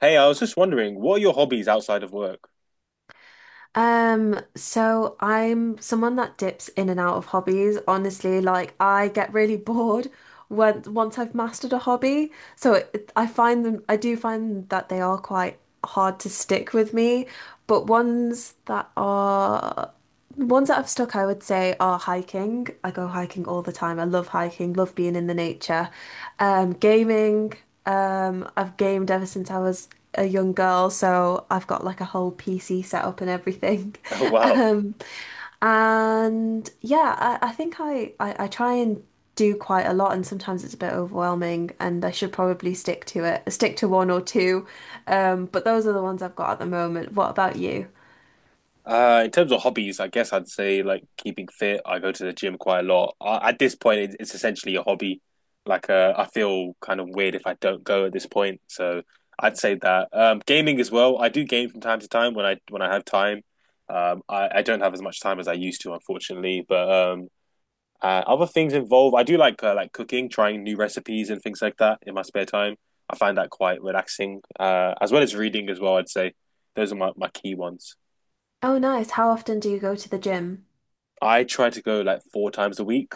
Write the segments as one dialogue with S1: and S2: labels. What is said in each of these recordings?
S1: Hey, I was just wondering, what are your hobbies outside of work?
S2: So I'm someone that dips in and out of hobbies. Honestly, like I get really bored when once I've mastered a hobby. I find them, I do find that they are quite hard to stick with me, but ones that are the ones that I've stuck, I would say, are hiking. I go hiking all the time. I love hiking, love being in the nature. Gaming. I've gamed ever since I was a young girl, so I've got like a whole PC set up and everything.
S1: Oh, wow.
S2: Um, and yeah, I think I try and do quite a lot, and sometimes it's a bit overwhelming, and I should probably stick to one or two. But those are the ones I've got at the moment. What about you?
S1: In terms of hobbies, I guess I'd say like keeping fit. I go to the gym quite a lot. At this point, it's essentially a hobby. Like, I feel kind of weird if I don't go at this point. So I'd say that. Gaming as well. I do game from time to time when I have time. I don't have as much time as I used to, unfortunately. But Other things involve I do like cooking, trying new recipes and things like that in my spare time. I find that quite relaxing, as well as reading as well. I'd say those are my key ones.
S2: Oh, nice. How often do you go to the gym?
S1: I try to go like four times a week.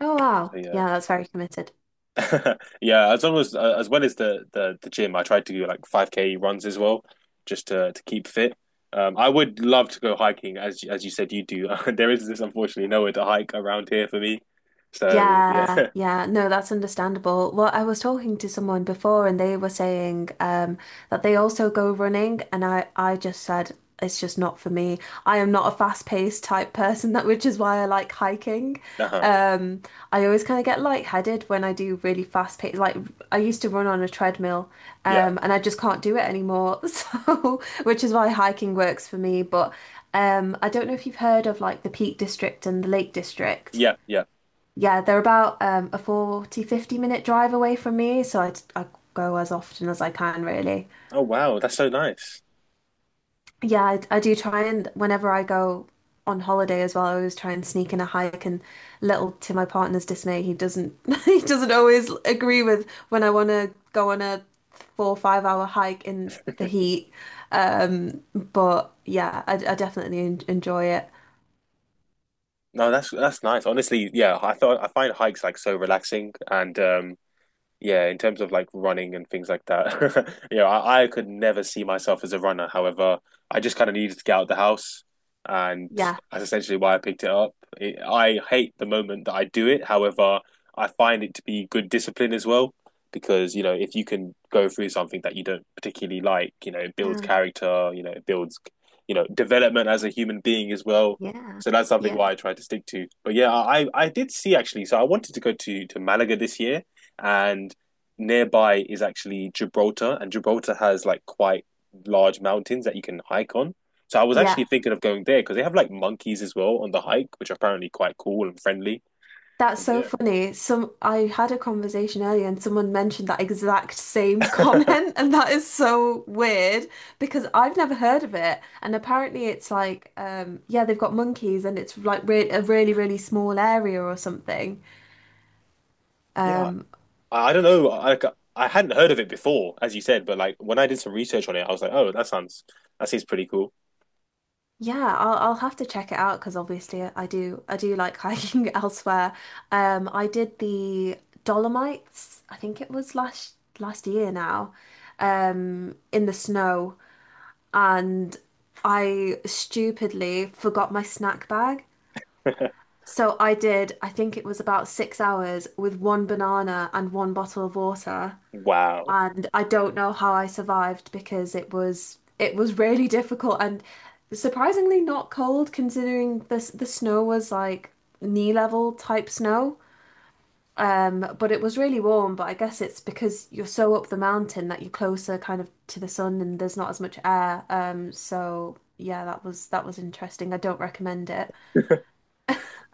S2: Oh
S1: So
S2: wow.
S1: yeah,
S2: Yeah, that's very committed.
S1: yeah. As long as well as the gym, I try to do like five k runs as well, just to keep fit. I would love to go hiking, as you said you do. There is this unfortunately nowhere to hike around here for me, so yeah.
S2: Yeah, yeah, no, that's understandable. Well, I was talking to someone before and they were saying that they also go running, and I just said it's just not for me. I am not a fast-paced type person that which is why I like hiking.
S1: Uh-huh.
S2: Um I always kind of get lightheaded when I do really fast-paced like I used to run on a treadmill,
S1: Yeah,
S2: and I just can't do it anymore. So, which is why hiking works for me, but I don't know if you've heard of like the Peak District and the Lake District.
S1: yeah.
S2: Yeah, they're about a 40 50 minute drive away from me, so I go as often as I can, really.
S1: Oh wow, that's so nice.
S2: Yeah, I do try, and whenever I go on holiday as well, I always try and sneak in a hike. And little to my partner's dismay, he doesn't he doesn't always agree with when I want to go on a 4 or 5 hour hike in the heat. But yeah, I definitely en enjoy it.
S1: No, that's nice. Honestly, yeah, I find hikes like so relaxing. And Yeah, in terms of like running and things like that, you know, I could never see myself as a runner. However, I just kind of needed to get out of the house, and
S2: Yeah.
S1: that's essentially why I picked it up. I hate the moment that I do it. However, I find it to be good discipline as well, because you know, if you can go through something that you don't particularly like, you know, it builds
S2: Oh,
S1: character, you know, it builds, you know, development as a human being as well.
S2: yeah.
S1: So that's something
S2: Yeah.
S1: why I try to stick to. But yeah, I did see actually. So I wanted to go to Malaga this year, and nearby is actually Gibraltar, and Gibraltar has like quite large mountains that you can hike on. So I was actually
S2: Yeah.
S1: thinking of going there because they have like monkeys as well on the hike, which are apparently quite cool and friendly.
S2: That's
S1: But
S2: so
S1: yeah,
S2: funny. Some I had a conversation earlier and someone mentioned that exact same comment and that is so weird because I've never heard of it. And apparently it's like yeah, they've got monkeys and it's like re a really really small area or something.
S1: yeah.
S2: Um
S1: I don't know. I like, I hadn't heard of it before, as you said, but like when I did some research on it, I was like, oh, that sounds that seems pretty cool.
S2: yeah, I'll have to check it out, because obviously I do like hiking elsewhere. I did the Dolomites, I think it was last year now. Um, in the snow. And I stupidly forgot my snack bag. So I did, I think it was about 6 hours with one banana and one bottle of water.
S1: Wow,
S2: And I don't know how I survived, because it was really difficult and surprisingly not cold, considering the snow was like knee level type snow. But it was really warm, but I guess it's because you're so up the mountain that you're closer kind of to the sun and there's not as much air. So yeah, that was interesting. I don't recommend it.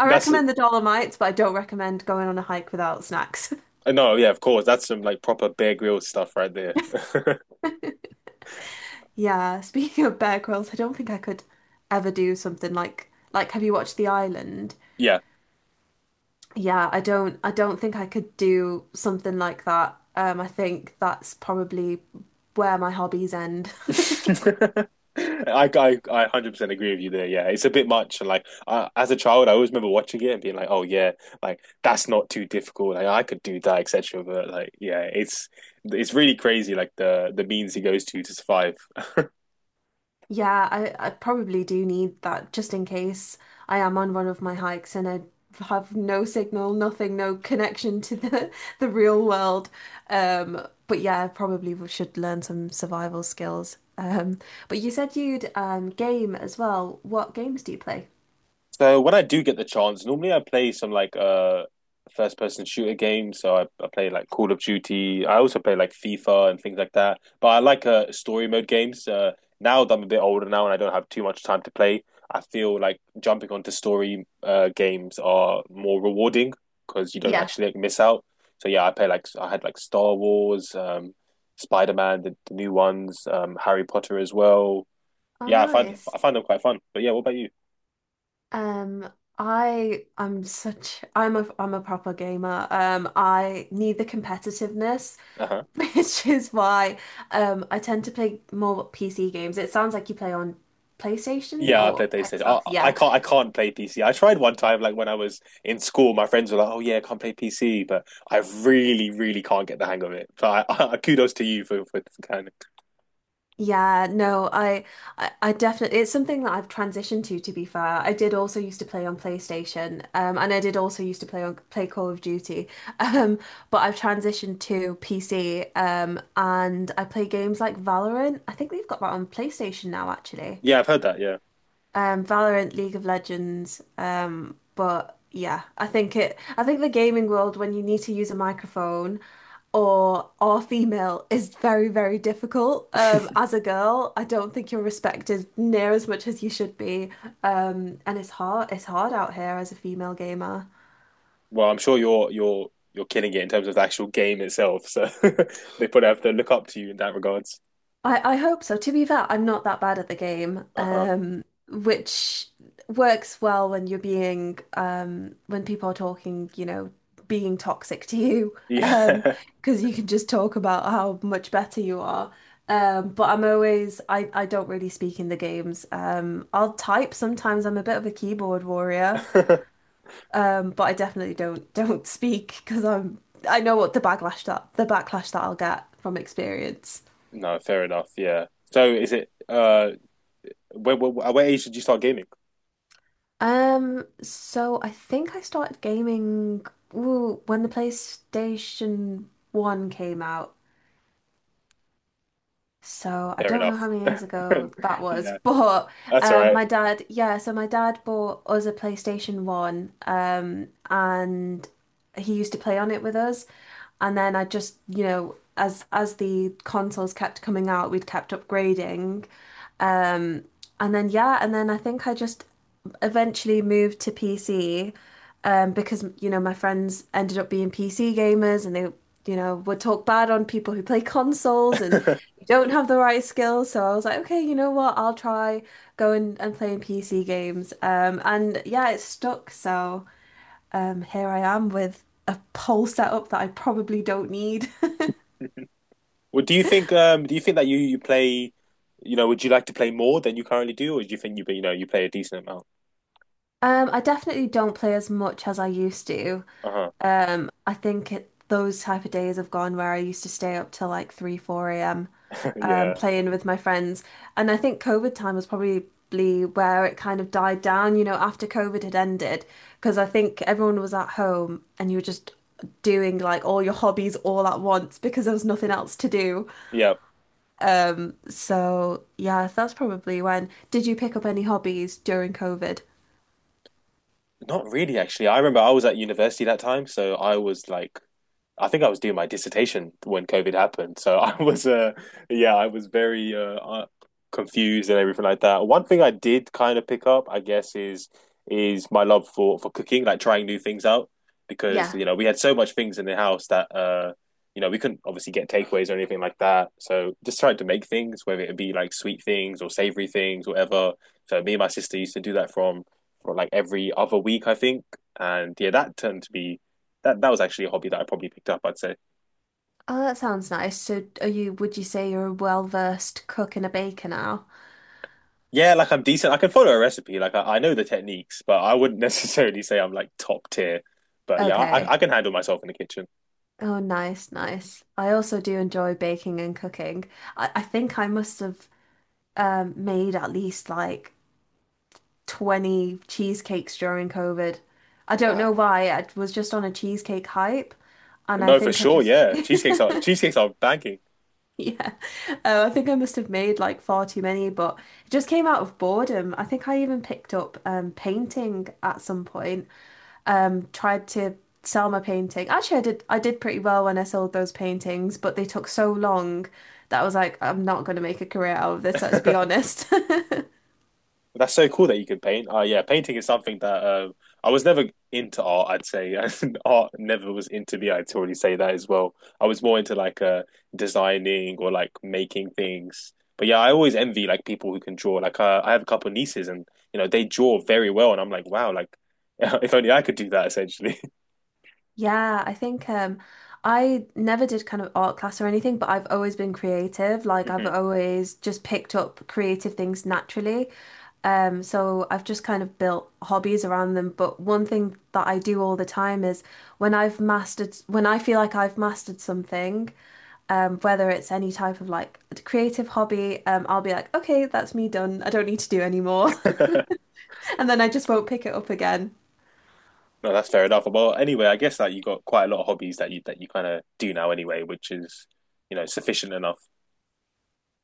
S2: I
S1: that's
S2: recommend the Dolomites, but I don't recommend going on a hike without snacks.
S1: no, yeah, of course, that's some like proper Bear Grylls stuff right there.
S2: Yeah, speaking of Bear Grylls, I don't think I could ever do something like, have you watched The Island?
S1: Yeah,
S2: Yeah, I don't think I could do something like that. I think that's probably where my hobbies end.
S1: I 100% agree with you there. Yeah, it's a bit much. And like, I, as a child, I always remember watching it and being like, oh, yeah, like that's not too difficult. Like, I could do that, etc. But like, yeah, it's really crazy, like the means he goes to survive.
S2: Yeah, I probably do need that, just in case I am on one of my hikes and I have no signal, nothing, no connection to the the real world. But yeah, I probably should learn some survival skills. But you said you'd game as well. What games do you play?
S1: So when I do get the chance, normally I play some like first person shooter games. So I play like Call of Duty. I also play like FIFA and things like that. But I like story mode games. Now that I'm a bit older now and I don't have too much time to play, I feel like jumping onto story games are more rewarding because you don't
S2: Yeah.
S1: actually like, miss out. So yeah, I play like I had like Star Wars, Spider-Man, the new ones, Harry Potter as well.
S2: Oh,
S1: Yeah,
S2: nice.
S1: I find them quite fun. But yeah, what about you?
S2: Um, I'm a proper gamer. I need the competitiveness, which is why I tend to play more PC games. It sounds like you play on PlayStation
S1: Yeah, I play
S2: or
S1: PlayStation. I,
S2: Xbox.
S1: I
S2: Yeah.
S1: can't I can't play PC. I tried one time, like when I was in school, my friends were like, "Oh yeah, I can't play PC," but I really can't get the hang of it. So I, I kudos to you for kind of.
S2: Yeah, no, I definitely, it's something that I've transitioned to be fair. I did also used to play on PlayStation, and I did also used to play Call of Duty, um, but I've transitioned to PC, and I play games like Valorant. I think they've got that on PlayStation now, actually.
S1: Yeah, I've heard that. Yeah.
S2: Valorant, League of Legends. But yeah, I think it. I think the gaming world, when you need to use a microphone or female, is very, very difficult. As a girl, I don't think you're respected near as much as you should be. And it's hard. It's hard out here as a female gamer.
S1: Well, I'm sure you're killing it in terms of the actual game itself. So they probably have to look up to you in that regards.
S2: I hope so. To be fair, I'm not that bad at the game,
S1: Uh-huh.
S2: which works well when you're being, when people are talking, you know, being toxic to you, um,
S1: Yeah.
S2: because you can just talk about how much better you are. But I'm always, I don't really speak in the games. I'll type sometimes. I'm a bit of a keyboard warrior, but I definitely don't don't speak, because I know what the backlash that I'll get from experience.
S1: No, fair enough. Yeah. So is it at what age did you start gaming?
S2: So I think I started gaming ooh, when the PlayStation 1 came out. So I
S1: Fair
S2: don't know
S1: enough.
S2: how many years ago that was,
S1: Yeah,
S2: but
S1: that's all right.
S2: my dad, yeah, so my dad bought us a PlayStation 1 and he used to play on it with us. And then I just, you know, as the consoles kept coming out, we'd kept upgrading. And then yeah, and then I think I just eventually moved to PC, because you know my friends ended up being PC gamers and they you know would talk bad on people who play consoles and you don't have the right skills. So I was like, okay, you know what? I'll try going and playing PC games. And yeah, it stuck. So here I am with a whole setup that I probably don't need.
S1: Well, do you think that you play, you know, would you like to play more than you currently do, or do you think you you know you play a decent amount?
S2: I definitely don't play as much as I used to.
S1: Uh-huh.
S2: I think those type of days have gone where I used to stay up till like 3, 4 a.m.
S1: Yeah.
S2: Playing with my friends. And I think COVID time was probably where it kind of died down, you know, after COVID had ended, because I think everyone was at home and you were just doing like all your hobbies all at once because there was nothing else to do.
S1: Yeah.
S2: So yeah, that's probably when. Did you pick up any hobbies during COVID?
S1: Not really, actually. I remember I was at university that time, so I was like I think I was doing my dissertation when COVID happened, so I was yeah, I was very confused and everything like that. One thing I did kind of pick up, I guess, is my love for cooking, like trying new things out, because
S2: Yeah.
S1: you know we had so much things in the house that you know we couldn't obviously get takeaways or anything like that, so just tried to make things, whether it be like sweet things or savory things, whatever. So me and my sister used to do that from for like every other week, I think, and yeah, that turned to be that that was actually a hobby that I probably picked up. I'd say,
S2: Oh, that sounds nice. So are you, would you say you're a well-versed cook and a baker now?
S1: yeah, like I'm decent. I can follow a recipe. Like I know the techniques, but I wouldn't necessarily say I'm like top tier. But yeah,
S2: Okay.
S1: I can handle myself in the kitchen.
S2: Oh, nice, nice. I also do enjoy baking and cooking. I think I must have made at least like 20 cheesecakes during COVID. I don't know
S1: Wow.
S2: why. I was just on a cheesecake hype, and I
S1: No, for
S2: think I
S1: sure.
S2: just
S1: Yeah, cheesecakes are banking.
S2: yeah. Oh, I think I must have made like far too many, but it just came out of boredom. I think I even picked up painting at some point. Um, tried to sell my painting. Actually, I did pretty well when I sold those paintings, but they took so long that I was like, I'm not going to make a career out of this, let's be honest.
S1: That's so cool that you can paint. Yeah, painting is something that I was never into art, I'd say. Art never was into me, I'd already say that as well. I was more into like designing or like making things. But yeah, I always envy like people who can draw. Like I have a couple of nieces and you know they draw very well, and I'm like, wow, like if only I could do that essentially.
S2: Yeah, I think I never did kind of art class or anything, but I've always been creative. Like I've
S1: Mhm.
S2: always just picked up creative things naturally. So I've just kind of built hobbies around them. But one thing that I do all the time is when I feel like I've mastered something, whether it's any type of like creative hobby, I'll be like, okay, that's me done. I don't need to do anymore. And then I just won't pick it up again.
S1: No, that's fair enough. Well, anyway, I guess that you got quite a lot of hobbies that you kind of do now anyway, which is you know sufficient enough.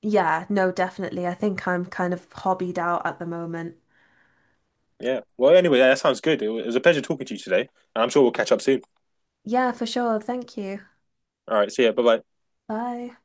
S2: Yeah, no, definitely. I think I'm kind of hobbied out at the moment.
S1: Yeah. Well, anyway, that sounds good. It was a pleasure talking to you today, and I'm sure we'll catch up soon.
S2: Yeah, for sure. Thank you.
S1: All right. See ya. Bye bye.
S2: Bye.